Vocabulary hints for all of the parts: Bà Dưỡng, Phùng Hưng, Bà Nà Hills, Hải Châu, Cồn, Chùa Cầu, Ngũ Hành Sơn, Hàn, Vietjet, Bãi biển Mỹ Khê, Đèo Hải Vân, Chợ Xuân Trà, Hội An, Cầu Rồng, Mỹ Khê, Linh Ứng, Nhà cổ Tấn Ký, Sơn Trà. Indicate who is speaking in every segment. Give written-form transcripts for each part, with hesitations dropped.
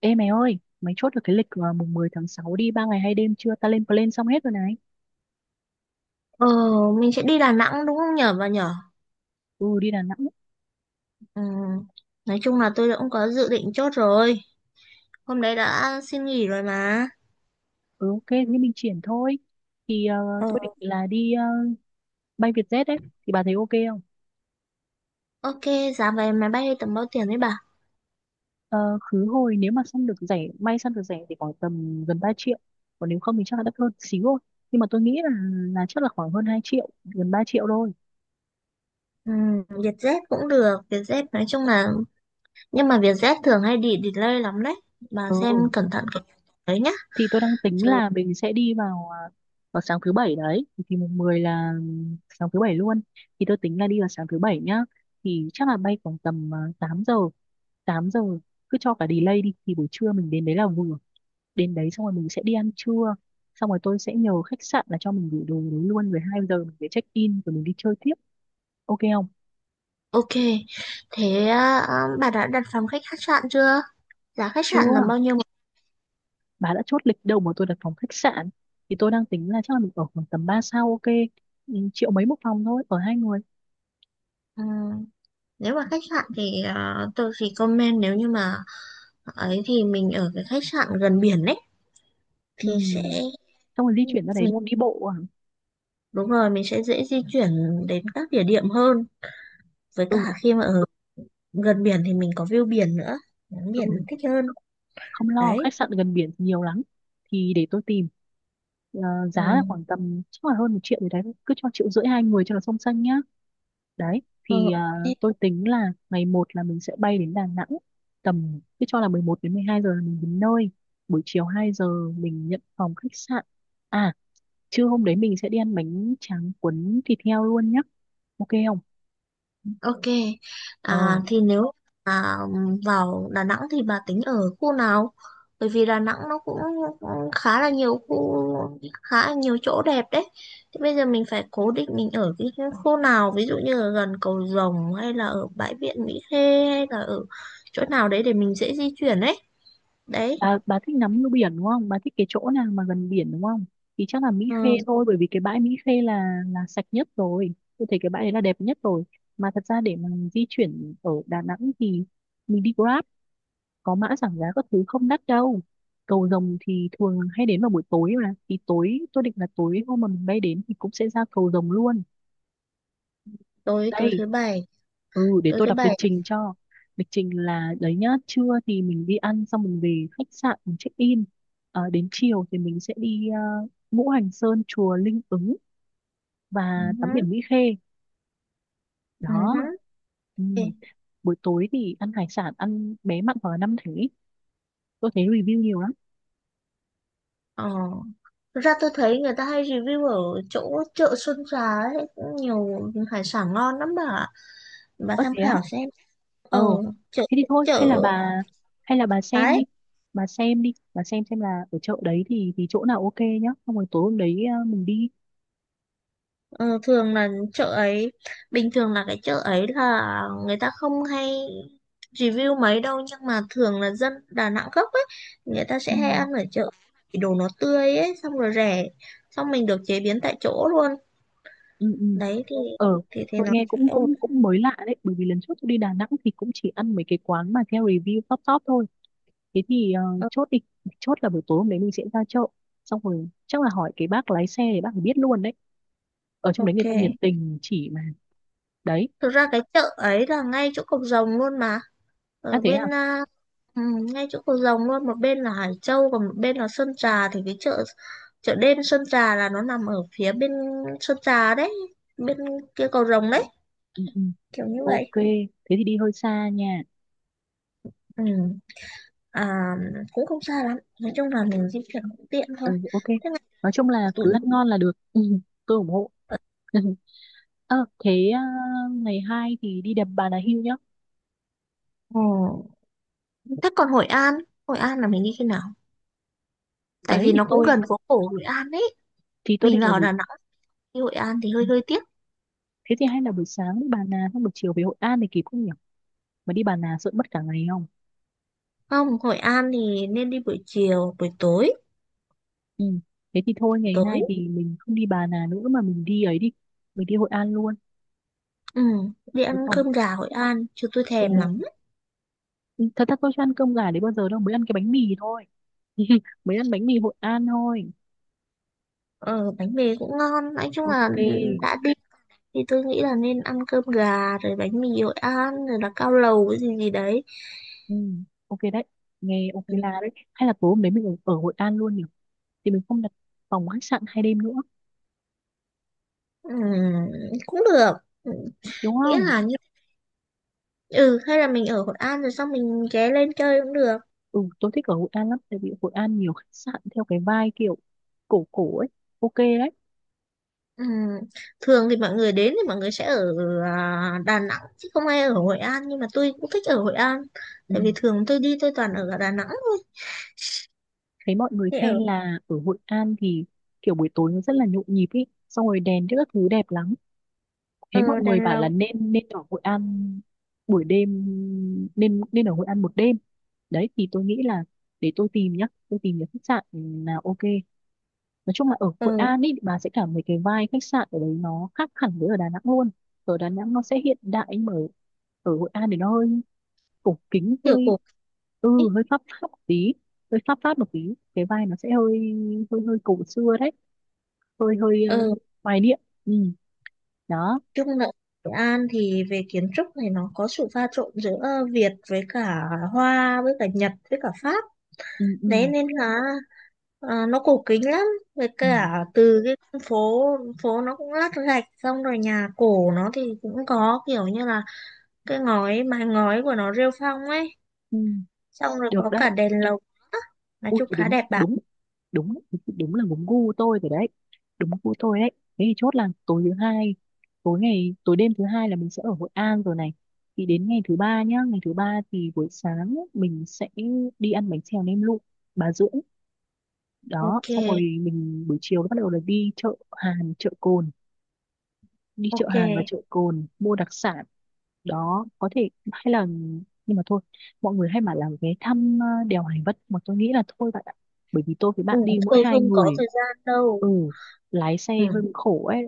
Speaker 1: Ê mày ơi, mày chốt được cái lịch mùng 10 tháng 6 đi 3 ngày 2 đêm chưa? Ta lên plan xong hết rồi này.
Speaker 2: Ờ, mình sẽ đi Đà Nẵng đúng không nhở bà nhở?
Speaker 1: Ừ, đi Đà Nẵng.
Speaker 2: Ừ. Nói chung là tôi đã cũng có dự định chốt rồi. Hôm đấy đã xin nghỉ rồi mà.
Speaker 1: Ừ, ok, thế mình triển thôi. Thì
Speaker 2: Ờ,
Speaker 1: tôi định là đi bay Vietjet đấy. Thì bà thấy ok không?
Speaker 2: ok, giá vé máy bay tầm bao tiền đấy bà?
Speaker 1: Ờ, khứ hồi nếu mà săn được rẻ, may săn được rẻ thì khoảng tầm gần 3 triệu. Còn nếu không thì chắc là đắt hơn xíu thôi. Nhưng mà tôi nghĩ là chắc là khoảng hơn 2 triệu, gần 3 triệu thôi.
Speaker 2: Ừ, Vietjet cũng được. Vietjet nói chung là... Nhưng mà Vietjet thường hay đi delay lắm đấy. Bà
Speaker 1: Ừ,
Speaker 2: xem cẩn thận cái đấy nhá.
Speaker 1: thì tôi đang tính
Speaker 2: Chứ...
Speaker 1: là mình sẽ đi vào sáng thứ bảy đấy, thì mùng 10 là sáng thứ bảy luôn, thì tôi tính là đi vào sáng thứ bảy nhá. Thì chắc là bay khoảng tầm 8 giờ, 8 giờ cứ cho cả delay đi thì buổi trưa mình đến đấy là vừa. Đến đấy xong rồi mình sẽ đi ăn trưa, xong rồi tôi sẽ nhờ khách sạn là cho mình gửi đồ đấy luôn, rồi 2 giờ mình sẽ check in rồi mình đi chơi tiếp. Ok không?
Speaker 2: Ok, thế à, bà đã đặt phòng khách khách sạn chưa? Giá khách sạn
Speaker 1: Chưa,
Speaker 2: là bao nhiêu?
Speaker 1: bà đã chốt lịch đâu mà tôi đặt phòng khách sạn. Thì tôi đang tính là chắc là mình ở khoảng tầm ba sao ok. Ừ, triệu mấy một phòng thôi, ở hai người.
Speaker 2: Ừ, nếu mà khách sạn thì tôi thì comment nếu như mà ấy thì mình ở cái khách sạn gần biển ấy
Speaker 1: Ừ,
Speaker 2: thì sẽ
Speaker 1: xong rồi di chuyển ra đấy
Speaker 2: mình
Speaker 1: luôn đi bộ à.
Speaker 2: đúng rồi mình sẽ dễ di chuyển đến các địa điểm hơn, với cả
Speaker 1: Ừ,
Speaker 2: khi mà ở gần biển thì mình có view biển nữa, ngắm biển
Speaker 1: ừ,
Speaker 2: thích hơn
Speaker 1: không lo,
Speaker 2: đấy.
Speaker 1: khách sạn gần biển thì nhiều lắm, thì để tôi tìm. Ờ, Giá là
Speaker 2: Ừ.
Speaker 1: khoảng tầm chắc là hơn một triệu rồi đấy, cứ cho triệu rưỡi hai người cho là song xanh nhá. Đấy thì
Speaker 2: Ừ.
Speaker 1: tôi tính là ngày một là mình sẽ bay đến Đà Nẵng, tầm cứ cho là 11 đến 12 giờ là mình đến nơi. Buổi chiều 2 giờ mình nhận phòng khách sạn. À, trưa hôm đấy mình sẽ đi ăn bánh tráng cuốn thịt heo luôn nhá. Ok không?
Speaker 2: Ok,
Speaker 1: ờ
Speaker 2: à, thì nếu à, vào Đà Nẵng thì bà tính ở khu nào? Bởi vì Đà Nẵng nó cũng khá là nhiều khu, khá là nhiều chỗ đẹp đấy. Thì bây giờ mình phải cố định mình ở cái khu nào, ví dụ như là gần cầu Rồng hay là ở bãi biển Mỹ Khê hay là ở chỗ nào đấy để mình dễ di chuyển ấy. Đấy,
Speaker 1: bà bà thích ngắm nước biển đúng không, bà thích cái chỗ nào mà gần biển đúng không? Thì chắc là Mỹ
Speaker 2: ừ,
Speaker 1: Khê thôi, bởi vì cái bãi Mỹ Khê là sạch nhất rồi, tôi thấy cái bãi đấy là đẹp nhất rồi. Mà thật ra để mà di chuyển ở Đà Nẵng thì mình đi Grab, có mã giảm giá các thứ, không đắt đâu. Cầu Rồng thì thường hay đến vào buổi tối mà, thì tối tôi định là tối hôm mà mình bay đến thì cũng sẽ ra Cầu Rồng luôn.
Speaker 2: tối tối
Speaker 1: Đây,
Speaker 2: thứ bảy,
Speaker 1: ừ, để
Speaker 2: tối
Speaker 1: tôi
Speaker 2: thứ
Speaker 1: đọc lịch
Speaker 2: bảy.
Speaker 1: trình cho. Lịch trình là đấy nhá, trưa thì mình đi ăn xong mình về khách sạn mình check in. Đến chiều thì mình sẽ đi Ngũ Hành Sơn, chùa Linh Ứng và
Speaker 2: Ừ,
Speaker 1: tắm
Speaker 2: hứ,
Speaker 1: biển Mỹ Khê.
Speaker 2: ừ,
Speaker 1: Đó.
Speaker 2: hứ.
Speaker 1: Ừ,
Speaker 2: Ok.
Speaker 1: buổi tối thì ăn hải sản, ăn bé mặn hoặc là năm thánh, tôi thấy review nhiều lắm.
Speaker 2: Ờ. Thực ra tôi thấy người ta hay review ở chỗ chợ Xuân Trà ấy, cũng nhiều hải sản ngon lắm bà ạ. Bà
Speaker 1: Ớt
Speaker 2: tham
Speaker 1: thế á.
Speaker 2: khảo xem. Ờ,
Speaker 1: ờ
Speaker 2: chợ
Speaker 1: Thế thì thôi, hay là
Speaker 2: chợ
Speaker 1: bà, hay là bà xem
Speaker 2: ấy,
Speaker 1: đi bà xem đi bà xem là ở chợ đấy thì chỗ nào ok nhá, xong rồi tối hôm đấy mình đi.
Speaker 2: ờ, thường là chợ ấy, bình thường là cái chợ ấy là người ta không hay review mấy đâu, nhưng mà thường là dân Đà Nẵng gốc ấy, người ta
Speaker 1: Ừ.
Speaker 2: sẽ hay ăn ở chợ. Vì đồ nó tươi ấy, xong rồi rẻ, xong mình được chế biến tại chỗ luôn.
Speaker 1: Ừ, ừ.
Speaker 2: Đấy thì
Speaker 1: ờ
Speaker 2: thì
Speaker 1: tôi
Speaker 2: nó
Speaker 1: nghe cũng
Speaker 2: sẽ ổn.
Speaker 1: cũng cũng mới lạ đấy, bởi vì lần trước tôi đi Đà Nẵng thì cũng chỉ ăn mấy cái quán mà theo review top top thôi. Thế thì
Speaker 2: Ờ,
Speaker 1: chốt đi, chốt là buổi tối hôm đấy mình sẽ ra chợ, xong rồi chắc là hỏi cái bác lái xe để bác ấy biết luôn đấy, ở trong đấy người
Speaker 2: ok.
Speaker 1: ta nhiệt tình chỉ mà. Đấy.
Speaker 2: Thực ra cái chợ ấy là ngay chỗ Cộc Rồng luôn mà.
Speaker 1: À,
Speaker 2: Ở
Speaker 1: thế à.
Speaker 2: bên à, ừ, ngay chỗ cầu Rồng luôn, một bên là Hải Châu còn một bên là Sơn Trà, thì cái chợ chợ đêm Sơn Trà là nó nằm ở phía bên Sơn Trà đấy, bên kia Cầu Rồng đấy,
Speaker 1: Ừ, ừ.
Speaker 2: kiểu như
Speaker 1: Ok,
Speaker 2: vậy.
Speaker 1: thế thì đi hơi xa nha.
Speaker 2: Ừ. À, cũng không xa lắm, nói chung là mình di chuyển cũng tiện thôi.
Speaker 1: Ừ, ok,
Speaker 2: Thế
Speaker 1: nói chung là
Speaker 2: mà tụi
Speaker 1: cứ ăn ngon là được. Ừ, tôi ủng hộ. Ờ Thế à, ngày hai thì đi đầm Bà Nà Hills nhá.
Speaker 2: ừ. Thế còn Hội An, Hội An là mình đi khi nào? Tại
Speaker 1: Đấy
Speaker 2: vì
Speaker 1: thì
Speaker 2: nó cũng
Speaker 1: tôi
Speaker 2: gần phố cổ Hội An ấy.
Speaker 1: thì tôi
Speaker 2: Mình
Speaker 1: định là
Speaker 2: vào
Speaker 1: buổi...
Speaker 2: Đà Nẵng đi Hội An thì hơi hơi tiếc.
Speaker 1: Thế thì hay là buổi sáng đi Bà Nà xong buổi chiều về Hội An thì kịp không nhỉ? Mà đi Bà Nà sợ mất cả ngày không?
Speaker 2: Không, Hội An thì nên đi buổi chiều, buổi tối.
Speaker 1: Ừ. Thế thì thôi
Speaker 2: Buổi
Speaker 1: ngày
Speaker 2: tối.
Speaker 1: hai thì mình không đi Bà Nà nữa mà mình đi ấy đi. Mình đi Hội An luôn,
Speaker 2: Ừ, đi ăn
Speaker 1: đúng không?
Speaker 2: cơm gà Hội An, chứ tôi
Speaker 1: Ừ.
Speaker 2: thèm lắm.
Speaker 1: Thật ra tôi chưa ăn cơm gà đấy bao giờ đâu, mới ăn cái bánh mì thôi. Mới ăn bánh mì Hội An thôi.
Speaker 2: Ờ, bánh mì cũng ngon. Nói chung là
Speaker 1: Ok.
Speaker 2: đã đi thì tôi nghĩ là nên ăn cơm gà, rồi bánh mì Hội An, rồi là cao lầu cái gì gì đấy.
Speaker 1: Ừ. Ok đấy. Nghe ok
Speaker 2: Ừ,
Speaker 1: là đấy. Hay là tối hôm đấy mình ở Hội An luôn nhỉ? Thì mình không đặt phòng khách sạn hai đêm nữa,
Speaker 2: ừ, cũng được. Ừ,
Speaker 1: đúng
Speaker 2: nghĩa
Speaker 1: không?
Speaker 2: là như... Ừ, hay là mình ở Hội An rồi xong mình ghé lên chơi cũng được.
Speaker 1: Ừ, tôi thích ở Hội An lắm tại vì Hội An nhiều khách sạn theo cái vibe kiểu cổ cổ ấy, ok đấy.
Speaker 2: Ừ. Thường thì mọi người đến thì mọi người sẽ ở à, Đà Nẵng chứ không ai ở Hội An, nhưng mà tôi cũng thích ở Hội An,
Speaker 1: Ừ,
Speaker 2: tại vì thường tôi đi tôi toàn ở ở Đà Nẵng thôi,
Speaker 1: thấy mọi người
Speaker 2: thì ở
Speaker 1: khen là ở Hội An thì kiểu buổi tối nó rất là nhộn nhịp ấy, xong rồi đèn các thứ đẹp lắm, thấy mọi
Speaker 2: ở
Speaker 1: người
Speaker 2: Đèn
Speaker 1: bảo là
Speaker 2: Lồng
Speaker 1: nên nên ở Hội An buổi đêm, nên nên ở Hội An một đêm. Đấy thì tôi nghĩ là để tôi tìm nhá, tôi tìm những khách sạn nào ok. Nói chung là ở Hội
Speaker 2: ở
Speaker 1: An ý bà sẽ cảm thấy cái vibe khách sạn ở đấy nó khác hẳn với ở Đà Nẵng luôn. Ở Đà Nẵng nó sẽ hiện đại, nhưng mà ở Hội An thì nó hơi cổ kính,
Speaker 2: kiểu
Speaker 1: hơi...
Speaker 2: cổ
Speaker 1: ừ,
Speaker 2: ấy.
Speaker 1: hơi pháp pháp một tí, cái vibe nó sẽ hơi hơi hơi cổ xưa đấy, hơi hơi
Speaker 2: Ở
Speaker 1: hoài niệm. Ừ. Đó.
Speaker 2: chung là Hội An thì về kiến trúc này nó có sự pha trộn giữa Việt với cả Hoa với cả Nhật với cả Pháp
Speaker 1: Ừ,
Speaker 2: đấy,
Speaker 1: ừ,
Speaker 2: nên là à, nó cổ kính lắm, với
Speaker 1: ừ,
Speaker 2: cả từ cái phố phố nó cũng lát gạch, xong rồi nhà cổ nó thì cũng có kiểu như là cái ngói, mái ngói của nó rêu phong ấy.
Speaker 1: ừ.
Speaker 2: Ừ, xong rồi
Speaker 1: Được
Speaker 2: có
Speaker 1: đấy.
Speaker 2: cả đèn lồng nữa. Nói
Speaker 1: Ui
Speaker 2: chung
Speaker 1: thì
Speaker 2: khá
Speaker 1: đúng
Speaker 2: đẹp bạn.
Speaker 1: đúng đúng đúng là đúng gu tôi rồi đấy, đúng gu tôi đấy. Thế thì chốt là tối đêm thứ hai là mình sẽ ở Hội An rồi này. Thì đến ngày thứ ba nhá, ngày thứ ba thì buổi sáng mình sẽ đi ăn bánh xèo nem lụi Bà Dưỡng. Đó,
Speaker 2: Ok,
Speaker 1: xong rồi mình buổi chiều nó bắt đầu là đi chợ
Speaker 2: ok,
Speaker 1: Hàn và chợ Cồn mua đặc sản. Đó, có thể, hay là, nhưng mà thôi, mọi người hay mà làm vé thăm đèo Hải Vân mà tôi nghĩ là thôi bạn ạ, bởi vì tôi với
Speaker 2: ừ,
Speaker 1: bạn đi mỗi
Speaker 2: thôi
Speaker 1: hai
Speaker 2: không có
Speaker 1: người.
Speaker 2: thời gian đâu.
Speaker 1: Ừ, lái xe
Speaker 2: Ừ,
Speaker 1: hơi bị khổ ấy.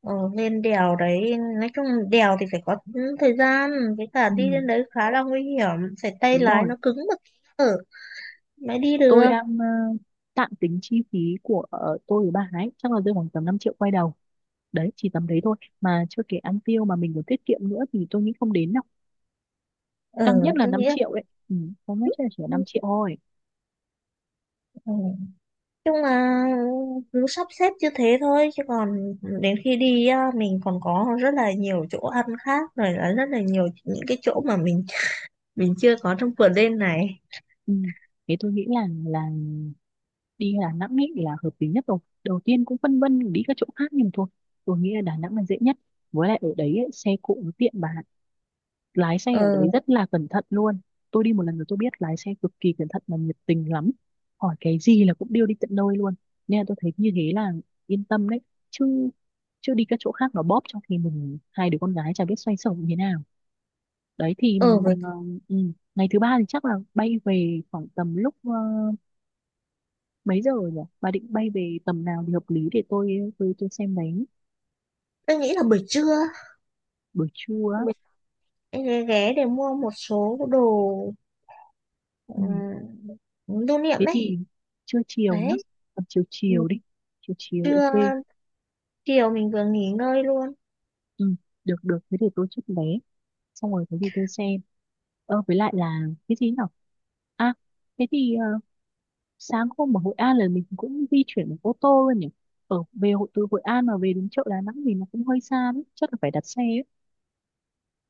Speaker 2: ờ, lên đèo đấy nói chung đèo thì phải có thời gian, với cả
Speaker 1: Ừ,
Speaker 2: đi lên đấy khá là nguy hiểm, phải tay
Speaker 1: đúng
Speaker 2: lái
Speaker 1: rồi.
Speaker 2: nó cứng một tí ở mới đi
Speaker 1: Tôi
Speaker 2: được.
Speaker 1: đang tạm tính chi phí của tôi với bà ấy chắc là rơi khoảng tầm 5 triệu quay đầu. Đấy, chỉ tầm đấy thôi, mà chưa kể ăn tiêu mà mình còn tiết kiệm nữa thì tôi nghĩ không đến đâu.
Speaker 2: Ừ,
Speaker 1: Tăng nhất là
Speaker 2: tôi
Speaker 1: 5
Speaker 2: nghĩ là-
Speaker 1: triệu ấy, ừ, không nhất chắc là chỉ là 5 triệu thôi.
Speaker 2: ừ. Chung là cứ sắp xếp như thế thôi chứ còn đến khi đi á, mình còn có rất là nhiều chỗ ăn khác, rồi là rất là nhiều những cái chỗ mà mình chưa có trong vườn lên này.
Speaker 1: Ừ, thế tôi nghĩ là đi Đà Nẵng ấy là hợp lý nhất rồi. Đầu tiên cũng phân vân đi các chỗ khác, nhưng mà thôi, tôi nghĩ là Đà Nẵng là dễ nhất. Với lại ở đấy ấy, xe cộ nó tiện bà ạ. Lái xe
Speaker 2: Ờ,
Speaker 1: ở đấy rất là cẩn thận luôn. Tôi đi một lần rồi tôi biết, lái xe cực kỳ cẩn thận và nhiệt tình lắm, hỏi cái gì là cũng đưa đi tận nơi luôn. Nên là tôi thấy như thế là yên tâm đấy, chứ chứ đi các chỗ khác nó bóp, trong khi mình hai đứa con gái chả biết xoay sở như thế nào. Đấy thì
Speaker 2: ờ, với
Speaker 1: ừ, ừ, ngày thứ ba thì chắc là bay về khoảng tầm lúc mấy giờ nhỉ, bà định bay về tầm nào thì hợp lý để tôi xem đấy.
Speaker 2: tôi nghĩ là buổi trưa
Speaker 1: Buổi trưa á.
Speaker 2: mình sẽ ghé ghé để mua một số đồ,
Speaker 1: Ừ,
Speaker 2: ừm, lưu niệm
Speaker 1: thế
Speaker 2: đấy.
Speaker 1: thì trưa chiều nhá,
Speaker 2: Đấy,
Speaker 1: tầm chiều
Speaker 2: ừ,
Speaker 1: chiều đi, chiều chiều
Speaker 2: trưa
Speaker 1: ok.
Speaker 2: chiều mình vừa nghỉ ngơi luôn.
Speaker 1: Ừ, được được, thế thì tôi chốt vé, xong rồi có gì tôi xem, với lại là cái gì nào? À, thế thì sáng hôm ở Hội An là mình cũng di chuyển bằng ô tô luôn nhỉ. Từ Hội An mà về đến chợ Đà Nẵng thì nó cũng hơi xa đấy, chắc là phải đặt xe ấy.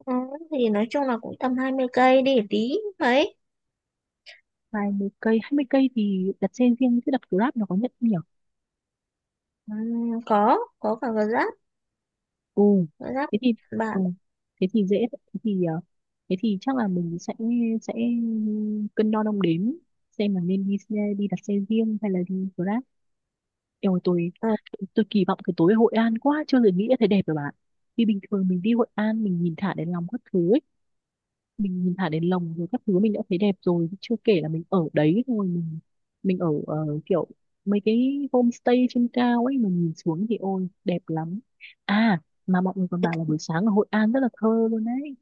Speaker 2: Ừ, thì nói chung là cũng tầm 20 cây đi tí mấy.
Speaker 1: Vài mươi cây 20 cây thì đặt xe riêng chứ đặt Grab nó có nhận không nhỉ.
Speaker 2: Có cả gà rán.
Speaker 1: Ừ.
Speaker 2: Gọi là
Speaker 1: Thế thì
Speaker 2: bà
Speaker 1: ừ. Thế thì dễ thế thì thế thì chắc là mình sẽ cân đo đong đếm xem là nên đi đặt xe riêng hay là đi Grab. Eo tôi
Speaker 2: ờ,
Speaker 1: tôi kỳ vọng cái tối Hội An quá, chưa từng nghĩ là thấy đẹp rồi bạn. Vì bình thường mình đi Hội An mình nhìn thả đèn lồng các thứ ấy, mình nhìn thả đến lồng rồi các thứ mình đã thấy đẹp rồi, chưa kể là mình ở đấy thôi, mình ở kiểu mấy cái homestay trên cao ấy, mình nhìn xuống thì ôi đẹp lắm. À, mà mọi người còn bảo là buổi sáng ở Hội An rất là thơ luôn đấy.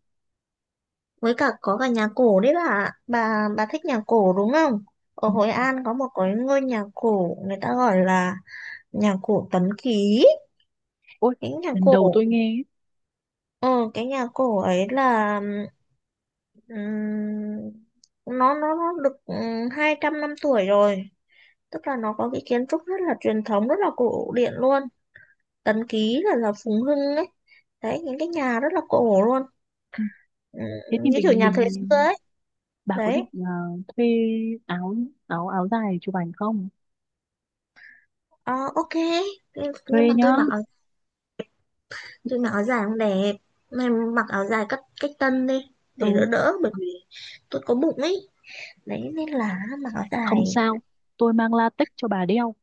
Speaker 2: với cả có cả nhà cổ đấy bà, bà thích nhà cổ đúng không? Ở
Speaker 1: Ừ.
Speaker 2: Hội An có một cái ngôi nhà cổ người ta gọi là nhà cổ Tấn Ký,
Speaker 1: Ôi
Speaker 2: cái nhà
Speaker 1: lần
Speaker 2: cổ
Speaker 1: đầu tôi nghe ấy.
Speaker 2: ờ, cái nhà cổ ấy là ừm, nó được 200 năm tuổi rồi, tức là nó có cái kiến trúc rất là truyền thống, rất là cổ điển luôn. Tấn Ký là Phùng Hưng ấy, đấy những cái nhà rất là cổ luôn.
Speaker 1: Ừ, thế thì
Speaker 2: Như kiểu
Speaker 1: mình
Speaker 2: nhà thời
Speaker 1: mình
Speaker 2: xưa ấy
Speaker 1: bà có
Speaker 2: đấy.
Speaker 1: định thuê áo áo áo dài chụp ảnh không,
Speaker 2: Ờ, ok. Thế- nhưng
Speaker 1: thuê
Speaker 2: mà
Speaker 1: nhá.
Speaker 2: tôi mặc áo, tôi mặc áo dài không đẹp, mày mặc áo dài cách cách tân đi,
Speaker 1: Ừ,
Speaker 2: để đỡ đỡ bởi vì tôi có bụng ấy, đấy nên là mặc áo
Speaker 1: không
Speaker 2: dài.
Speaker 1: sao, tôi mang latex cho bà đeo,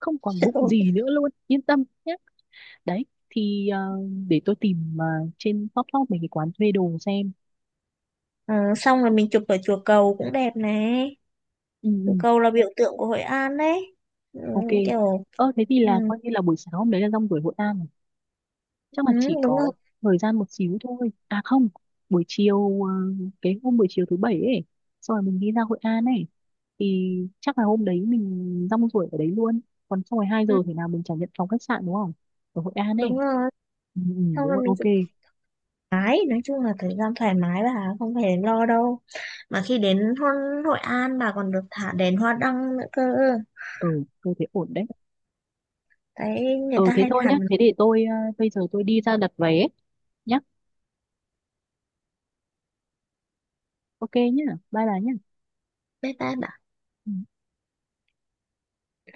Speaker 1: không còn bụng gì nữa luôn, yên tâm nhé. Đấy thì để tôi tìm trên top top mấy cái quán thuê đồ xem.
Speaker 2: Ờ, xong rồi mình chụp ở chùa Cầu cũng đẹp này,
Speaker 1: Ừ,
Speaker 2: chùa
Speaker 1: ừ,
Speaker 2: Cầu là biểu tượng của Hội An đấy. Ừ,
Speaker 1: ok.
Speaker 2: kiểu
Speaker 1: Ơ thế thì
Speaker 2: ừ,
Speaker 1: là coi như là buổi sáng hôm đấy là rong ruổi Hội An rồi, chắc
Speaker 2: ừ,
Speaker 1: là chỉ
Speaker 2: đúng
Speaker 1: có
Speaker 2: rồi,
Speaker 1: thời gian một xíu thôi. À, không, buổi chiều ờ, cái hôm buổi chiều thứ bảy ấy, xong rồi mình đi ra Hội An ấy, thì chắc là hôm đấy mình rong ruổi ở đấy luôn, còn xong rồi hai giờ
Speaker 2: ừ,
Speaker 1: thì nào mình nhận phòng khách sạn đúng không, ở Hội An ấy.
Speaker 2: đúng rồi.
Speaker 1: Ừ, ừ,
Speaker 2: Xong
Speaker 1: đúng
Speaker 2: rồi
Speaker 1: rồi,
Speaker 2: mình
Speaker 1: ok.
Speaker 2: chụp thoải mái, nói chung là thời gian thoải mái, bà không phải lo đâu. Mà khi đến Hon- Hội An bà còn được thả đèn hoa đăng nữa cơ.
Speaker 1: Ừ tôi thấy ổn đấy.
Speaker 2: Đấy, người
Speaker 1: Ừ,
Speaker 2: ta
Speaker 1: thế
Speaker 2: hay
Speaker 1: thôi
Speaker 2: thả
Speaker 1: nhá,
Speaker 2: bằng
Speaker 1: thế để tôi ờ, bây giờ tôi đi ra đặt vé nhá. Ok nhá. Bye bà nhá.
Speaker 2: bếp ba.
Speaker 1: Ừ.